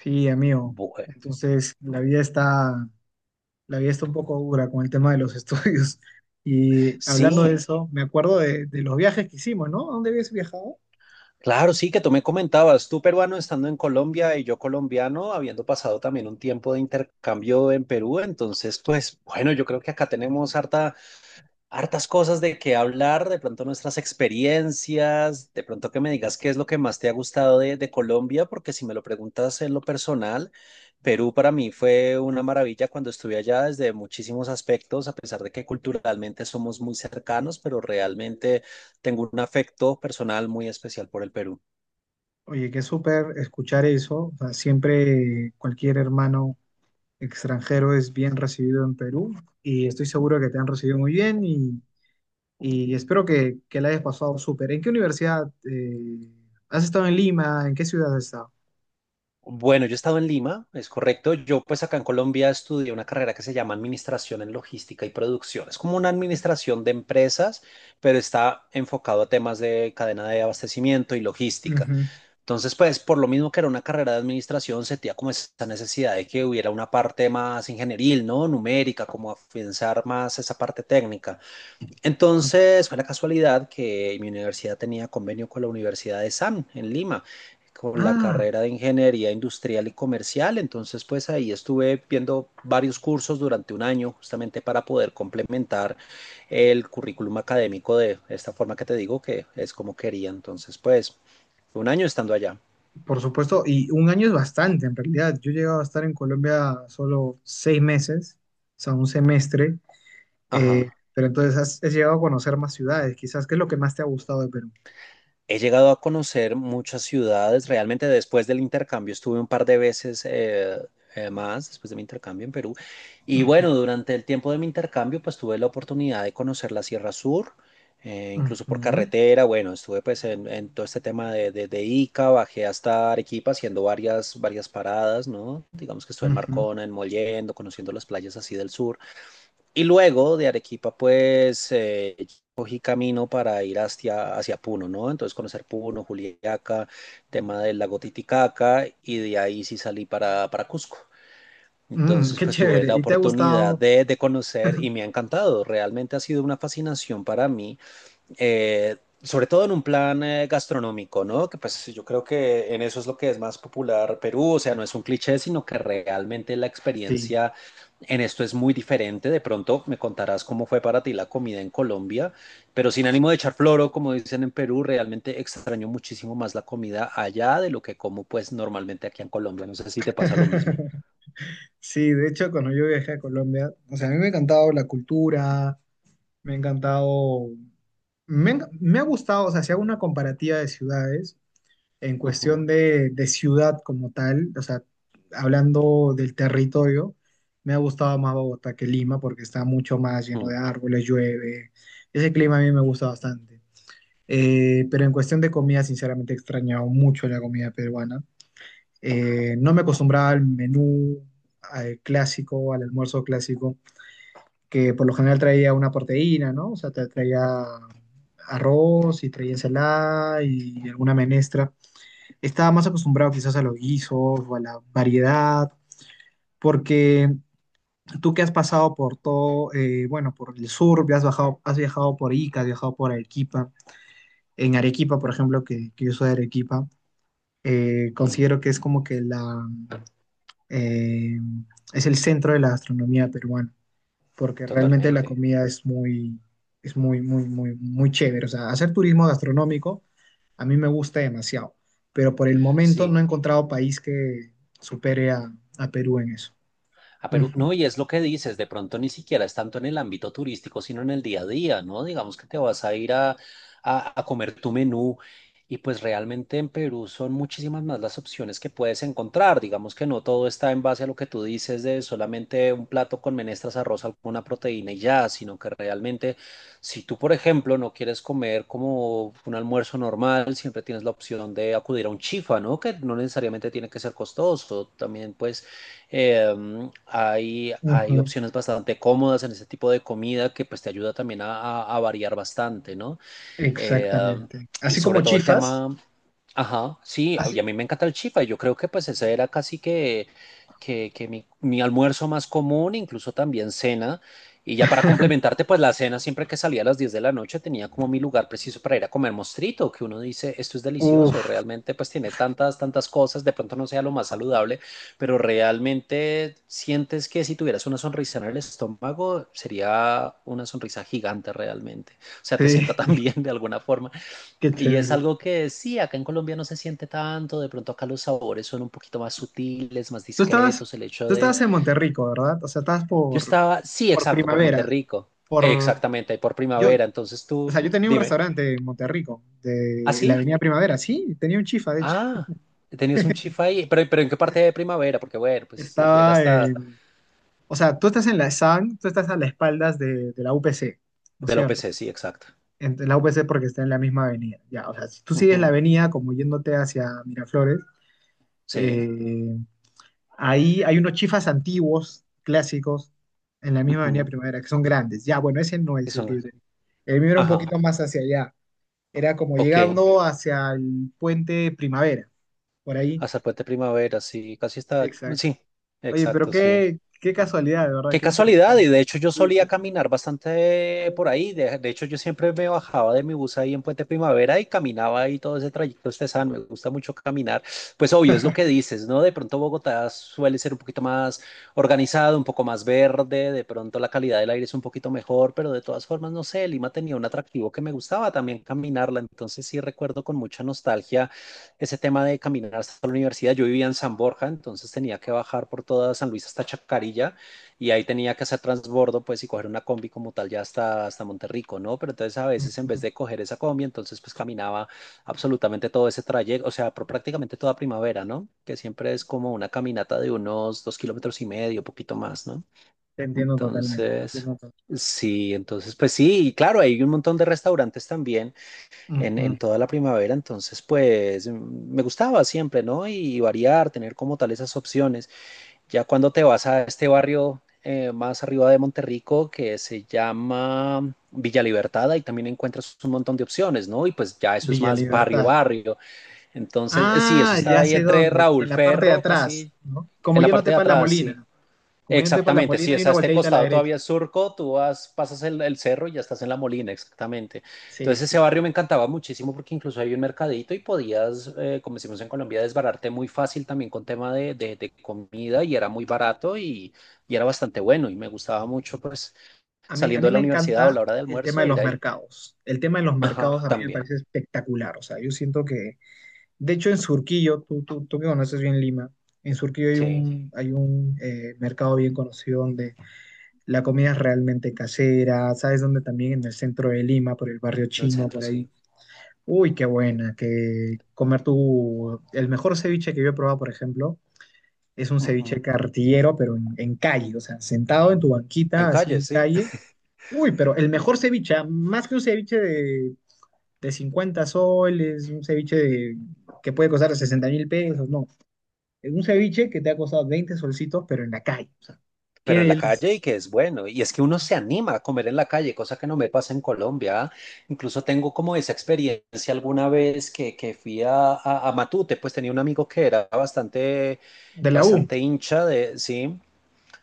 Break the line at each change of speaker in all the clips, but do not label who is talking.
Sí, amigo.
Bue-
Entonces, la vida está un poco dura con el tema de los estudios. Y hablando de
Sí,
eso, me acuerdo de los viajes que hicimos, ¿no? ¿A dónde habías viajado?
claro, sí, que tú me comentabas, tú peruano estando en Colombia y yo colombiano, habiendo pasado también un tiempo de intercambio en Perú, entonces, pues bueno, yo creo que acá tenemos hartas cosas de qué hablar, de pronto nuestras experiencias, de pronto que me digas qué es lo que más te ha gustado de Colombia, porque si me lo preguntas en lo personal, Perú para mí fue una maravilla cuando estuve allá desde muchísimos aspectos, a pesar de que culturalmente somos muy cercanos, pero realmente tengo un afecto personal muy especial por el Perú.
Oye, qué súper escuchar eso. O sea, siempre cualquier hermano extranjero es bien recibido en Perú y estoy seguro que te han recibido muy bien y espero que la hayas pasado súper. ¿En qué universidad? ¿Has estado en Lima? ¿En qué ciudad has estado?
Bueno, yo he estado en Lima, es correcto. Yo pues acá en Colombia estudié una carrera que se llama Administración en Logística y Producción. Es como una administración de empresas, pero está enfocado a temas de cadena de abastecimiento y logística.
Ujú.
Entonces, pues por lo mismo que era una carrera de administración, sentía como esa necesidad de que hubiera una parte más ingenieril, ¿no? Numérica, como afianzar más esa parte técnica. Entonces fue la casualidad que mi universidad tenía convenio con la Universidad de SAM en Lima, con la
Ah.
carrera de Ingeniería Industrial y Comercial. Entonces pues ahí estuve viendo varios cursos durante un año justamente para poder complementar el currículum académico de esta forma que te digo que es como quería. Entonces pues un año estando allá.
Por supuesto, y un año es bastante en realidad. Yo he llegado a estar en Colombia solo 6 meses, o sea, un semestre,
Ajá.
pero entonces has llegado a conocer más ciudades, quizás. ¿Qué es lo que más te ha gustado de Perú?
He llegado a conocer muchas ciudades. Realmente después del intercambio estuve un par de veces más, después de mi intercambio en Perú. Y
Ujú,
bueno, durante el tiempo de mi intercambio, pues tuve la oportunidad de conocer la Sierra Sur, incluso por
ujú,
carretera. Bueno, estuve pues en todo este tema de Ica, bajé hasta Arequipa haciendo varias paradas, ¿no? Digamos que estuve en
ujú.
Marcona, en Mollendo, conociendo las playas así del sur. Y luego de Arequipa, pues cogí camino para ir hacia Puno, ¿no? Entonces conocer Puno, Juliaca, tema del lago Titicaca, y de ahí sí salí para Cusco.
Mm,
Entonces,
qué
pues tuve
chévere,
la
¿y te ha
oportunidad
gustado?
de conocer y me ha encantado. Realmente ha sido una fascinación para mí sobre todo en un plan gastronómico, ¿no? Que pues yo creo que en eso es lo que es más popular Perú, o sea, no es un cliché, sino que realmente la
Sí.
experiencia en esto es muy diferente. De pronto me contarás cómo fue para ti la comida en Colombia, pero sin ánimo de echar floro, como dicen en Perú, realmente extraño muchísimo más la comida allá de lo que como pues normalmente aquí en Colombia. No sé si te pasa lo mismo.
Sí, de hecho, cuando yo viajé a Colombia, o sea, a mí me ha encantado la cultura, me ha encantado, me ha gustado. O sea, si hago una comparativa de ciudades, en cuestión
Ujú,
de ciudad como tal, o sea, hablando del territorio, me ha gustado más Bogotá que Lima porque está mucho más lleno de
ujú,
árboles, llueve. Ese clima a mí me gusta bastante. Pero en cuestión de comida, sinceramente he extrañado mucho la comida peruana. No me acostumbraba al menú, al clásico, al almuerzo clásico, que por lo general traía una proteína, ¿no? O sea, te traía arroz y traía ensalada y alguna menestra. Estaba más acostumbrado quizás a los guisos o a la variedad, porque tú que has pasado por todo, bueno, por el sur, has bajado, has viajado por Ica, has viajado por Arequipa. En Arequipa, por ejemplo, que yo soy de Arequipa,
ujú.
considero que es como que la, eh, es el centro de la gastronomía peruana, porque realmente la
Totalmente.
comida es muy, muy, muy, muy chévere. O sea, hacer turismo gastronómico a mí me gusta demasiado, pero por el momento no
Sí.
he encontrado país que supere a Perú en eso.
A Perú,
Ujú,
no, y es lo que dices, de pronto ni siquiera es tanto en el ámbito turístico, sino en el día a día, ¿no? Digamos que te vas a ir a comer tu menú y pues realmente en Perú son muchísimas más las opciones que puedes encontrar. Digamos que no todo está en base a lo que tú dices de solamente un plato con menestras, arroz, alguna proteína y ya, sino que realmente si tú, por ejemplo, no quieres comer como un almuerzo normal, siempre tienes la opción de acudir a un chifa, ¿no? Que no necesariamente tiene que ser costoso, también pues eh, hay
ujú.
opciones bastante cómodas en ese tipo de comida que pues te ayuda también a variar bastante, ¿no? Eh,
Exactamente.
y
Así como
sobre todo el
chifas,
tema, ajá, sí, y
así.
a mí me encanta el chifa. Yo creo que pues ese era casi que mi almuerzo más común, incluso también cena. Y ya para complementarte, pues la cena siempre que salía a las 10 de la noche tenía como mi lugar preciso para ir a comer mostrito, que uno dice, esto es delicioso,
Uf.
realmente pues tiene tantas cosas, de pronto no sea lo más saludable, pero realmente sientes que si tuvieras una sonrisa en el estómago sería una sonrisa gigante realmente o sea, te
Sí.
sienta tan bien de alguna forma.
Qué
Y es
chévere.
algo que sí, acá en Colombia no se siente tanto, de pronto acá los sabores son un poquito más sutiles, más
Tú estabas,
discretos, el hecho
tú
de...
estabas en Monterrico, ¿verdad? O sea, estabas
Yo
por,
estaba, sí,
por
exacto, por
Primavera,
Monterrico,
por
exactamente, por
yo,
Primavera,
o
entonces tú,
sea, yo tenía un
dime,
restaurante en Monterrico,
¿ah,
de la
sí?
Avenida Primavera, sí, tenía un chifa, de hecho.
Ah, tenías un chifa ahí, pero ¿en qué parte de Primavera? Porque bueno, pues llega
Estaba
hasta
en, o sea, tú estás en la SAN, tú estás a las espaldas de la UPC, ¿no es
del
cierto?
OPC, sí, exacto.
En la UPC porque está en la misma avenida. Ya, o sea, si tú sigues la
Ujú,
avenida como yéndote hacia Miraflores,
sí,
eh, ahí hay unos chifas antiguos, clásicos, en la misma avenida
ujú,
Primavera, que son grandes. Ya, bueno, ese no
que
es el
son,
libre. El mío era un
ajá,
poquito más hacia allá. Era como
ok,
llegando hacia el puente Primavera, por ahí.
hasta el Puente Primavera, sí, casi está,
Exacto.
sí,
Oye, pero
exacto, sí.
qué, qué casualidad, de verdad,
Qué
qué
casualidad, y
interesante.
de hecho yo
Sí, sí,
solía
sí.
caminar bastante por ahí, de hecho yo siempre me bajaba de mi bus ahí en Puente Primavera y caminaba ahí todo ese trayecto estesano, me gusta mucho caminar, pues obvio es lo que dices, ¿no? De pronto Bogotá suele ser un poquito más organizado, un poco más verde, de pronto la calidad del aire es un poquito mejor, pero de todas formas, no sé, Lima tenía un atractivo que me gustaba también caminarla, entonces sí recuerdo con mucha nostalgia ese tema de caminar hasta la universidad, yo vivía en San Borja, entonces tenía que bajar por toda San Luis hasta Chacarilla y ahí tenía que hacer transbordo, pues, y coger una combi como tal ya hasta Monterrico, ¿no? Pero entonces a veces en vez
Ujú.
de coger esa combi, entonces pues caminaba absolutamente todo ese trayecto, o sea, prácticamente toda Primavera, ¿no? Que siempre es como una caminata de unos 2 kilómetros y medio, poquito más, ¿no?
Te entiendo totalmente, te
Entonces...
entiendo
Sí, entonces pues sí, y claro, hay un montón de restaurantes también
totalmente.
en,
Ujú.
en toda la Primavera, entonces pues me gustaba siempre, ¿no? Y variar, tener como tal esas opciones. Ya cuando te vas a este barrio más arriba de Monterrico que se llama Villa Libertad, ahí también encuentras un montón de opciones, ¿no? Y pues ya eso es
Villa
más barrio,
Libertad.
barrio. Entonces, sí, eso
Ah,
está
ya
ahí
sé
entre
dónde, en
Raúl
la parte de
Ferro,
atrás,
casi
¿no? Como
en la
yo no
parte de
tepa la
atrás, sí.
Molina, como yo no tepa la
Exactamente, sí,
Molina, hay
es a
una
este
volteadita a la
costado
derecha.
todavía es Surco, tú vas, pasas el cerro y ya estás en La Molina, exactamente.
Sí,
Entonces
sí,
ese barrio
sí.
me encantaba muchísimo porque incluso había un mercadito y podías, como decimos en Colombia, desbararte muy fácil también con tema de comida y era muy barato y era bastante bueno y me gustaba mucho pues
A mí, a
saliendo
mí
de la
me
universidad o
encanta
la hora de
el tema de
almuerzo
los
ir ahí.
mercados. El tema de los mercados
Ajá,
a mí me
también,
parece espectacular. O sea, yo siento que, de hecho, en Surquillo, tú, tú que conoces bien Lima, en Surquillo hay
sí, en
un, hay un eh, mercado bien conocido donde la comida es realmente casera. ¿Sabes dónde también? En el centro de Lima, por el barrio
el
chino,
centro,
por ahí.
sí.
Uy, qué buena, que comer tu... El mejor ceviche que yo he probado, por ejemplo, es un ceviche
Ujú.
cartillero, pero en calle, o sea, sentado en tu
En
banquita, así
calles,
en
sí.
calle. Uy, pero el mejor ceviche, ah, más que un ceviche de 50 soles, un que puede costar 60.000 pesos, no. Es un ceviche que te ha costado 20 solcitos, pero en la calle, o sea, qué
Pero en la
delicia.
calle y que es bueno. Y es que uno se anima a comer en la calle, cosa que no me pasa en Colombia. Incluso tengo como esa experiencia alguna vez que fui a Matute, pues tenía un amigo que era bastante,
De la U.
bastante hincha de, sí.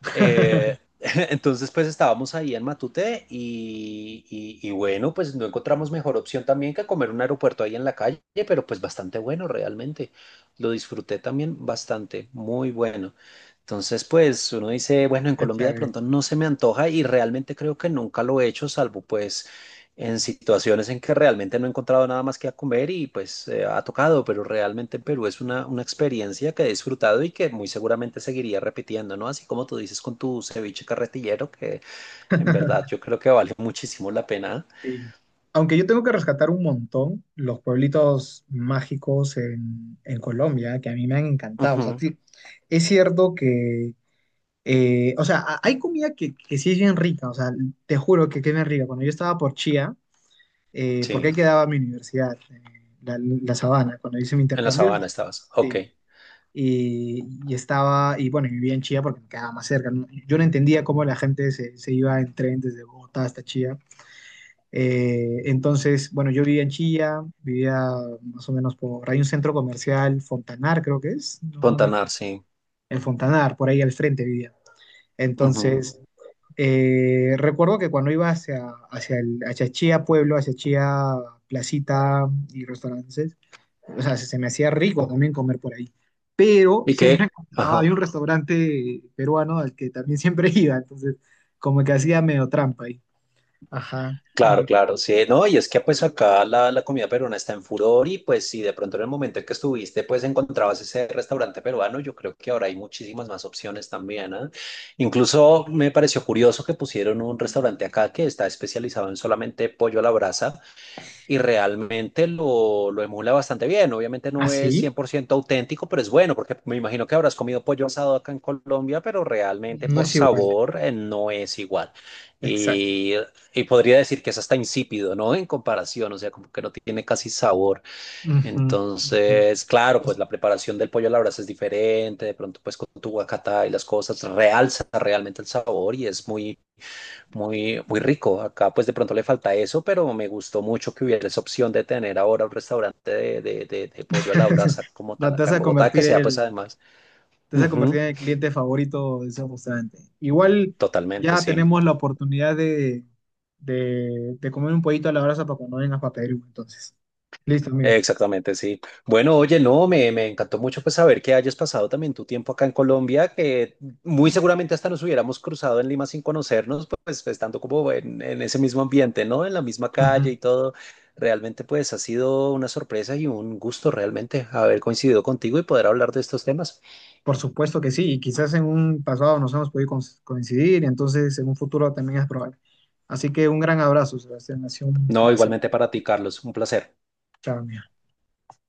Eh, entonces, pues estábamos ahí en Matute bueno, pues no encontramos mejor opción también que comer un aeropuerto ahí en la calle, pero pues bastante bueno realmente. Lo disfruté también bastante, muy bueno. Entonces, pues uno dice, bueno, en
Qué
Colombia de
chévere.
pronto no se me antoja y realmente creo que nunca lo he hecho, salvo pues en situaciones en que realmente no he encontrado nada más que a comer y pues ha tocado, pero realmente en Perú es una experiencia que he disfrutado y que muy seguramente seguiría repitiendo, ¿no? Así como tú dices con tu ceviche carretillero, que en verdad yo creo que vale muchísimo la pena.
Sí. Aunque yo tengo que rescatar un montón los pueblitos mágicos en Colombia, que a mí me han encantado. O sea,
Ujú,
sí, es cierto que, o sea, hay comida que sí es bien rica, o sea, te juro que es bien rica. Cuando yo estaba por Chía, porque ahí
sí,
quedaba mi universidad, la Sabana, cuando hice mi
en la
intercambio,
Sabana estabas. Ok,
sí. Y, y estaba, y bueno, y vivía en Chía porque me quedaba más cerca, ¿no? Yo no entendía cómo la gente se iba en tren desde Bogotá hasta Chía, entonces, bueno, yo vivía en Chilla, vivía más o menos por, hay un centro comercial, Fontanar creo que es, no, no me acuerdo,
Fontanar sí.
en Fontanar, por ahí al frente vivía.
Ujú.
Entonces, recuerdo que cuando iba hacia, hacia Chía Pueblo, hacia Chía Placita y restaurantes, o sea, se me hacía rico también comer por ahí. Pero
¿Y
siempre
qué?
encontraba, había
Ajá.
un restaurante peruano al que también siempre iba, entonces como que hacía medio trampa ahí. Ajá,
Claro,
entonces,
claro, sí, no, y es que pues acá la comida peruana está en furor y pues si de pronto en el momento en que estuviste pues encontrabas ese restaurante peruano, yo creo que ahora hay muchísimas más opciones también, ¿ah? Incluso me pareció curioso que pusieron un restaurante acá que está especializado en solamente pollo a la brasa y realmente lo emula bastante bien. Obviamente no es
así,
100% auténtico, pero es bueno, porque me imagino que habrás comido pollo asado acá en Colombia, pero realmente
no
por
es igual.
sabor no es igual.
Exacto.
Y, y podría decir que es hasta insípido, ¿no? En comparación, o sea, como que no tiene casi sabor.
Ujú, ujú.
Entonces, claro,
O
pues
sea,
la preparación del pollo a la brasa es diferente, de pronto pues con tu guacatá y las cosas realza realmente el sabor y es muy muy, muy rico. Acá pues de pronto le falta eso, pero me gustó mucho que hubiera esa opción de tener ahora un restaurante de pollo a la brasa como
la-
tal
te vas
acá en
a
Bogotá, que
convertir
sea pues
el,
además.
te vas a
Ujú,
convertir en el cliente favorito de ese restaurante. Igual
totalmente,
ya
sí.
tenemos la oportunidad de, de comer un pollito a la brasa para cuando vengas para Perú, entonces. Listo, amigo.
Exactamente, sí. Bueno, oye, no, me encantó mucho pues saber que hayas pasado también tu tiempo acá en Colombia, que muy seguramente hasta nos hubiéramos cruzado en Lima sin conocernos, pues estando como en ese mismo ambiente, ¿no? En la misma calle
Ujú.
y todo. Realmente pues ha sido una sorpresa y un gusto realmente haber coincidido contigo y poder hablar de estos temas.
Por supuesto que sí, y quizás en un pasado nos hemos podido coincidir, entonces en un futuro también es probable. Así que un gran abrazo, Sebastián, ha sido un
No,
placer.
igualmente para ti, Carlos, un placer.
Chao, amigo.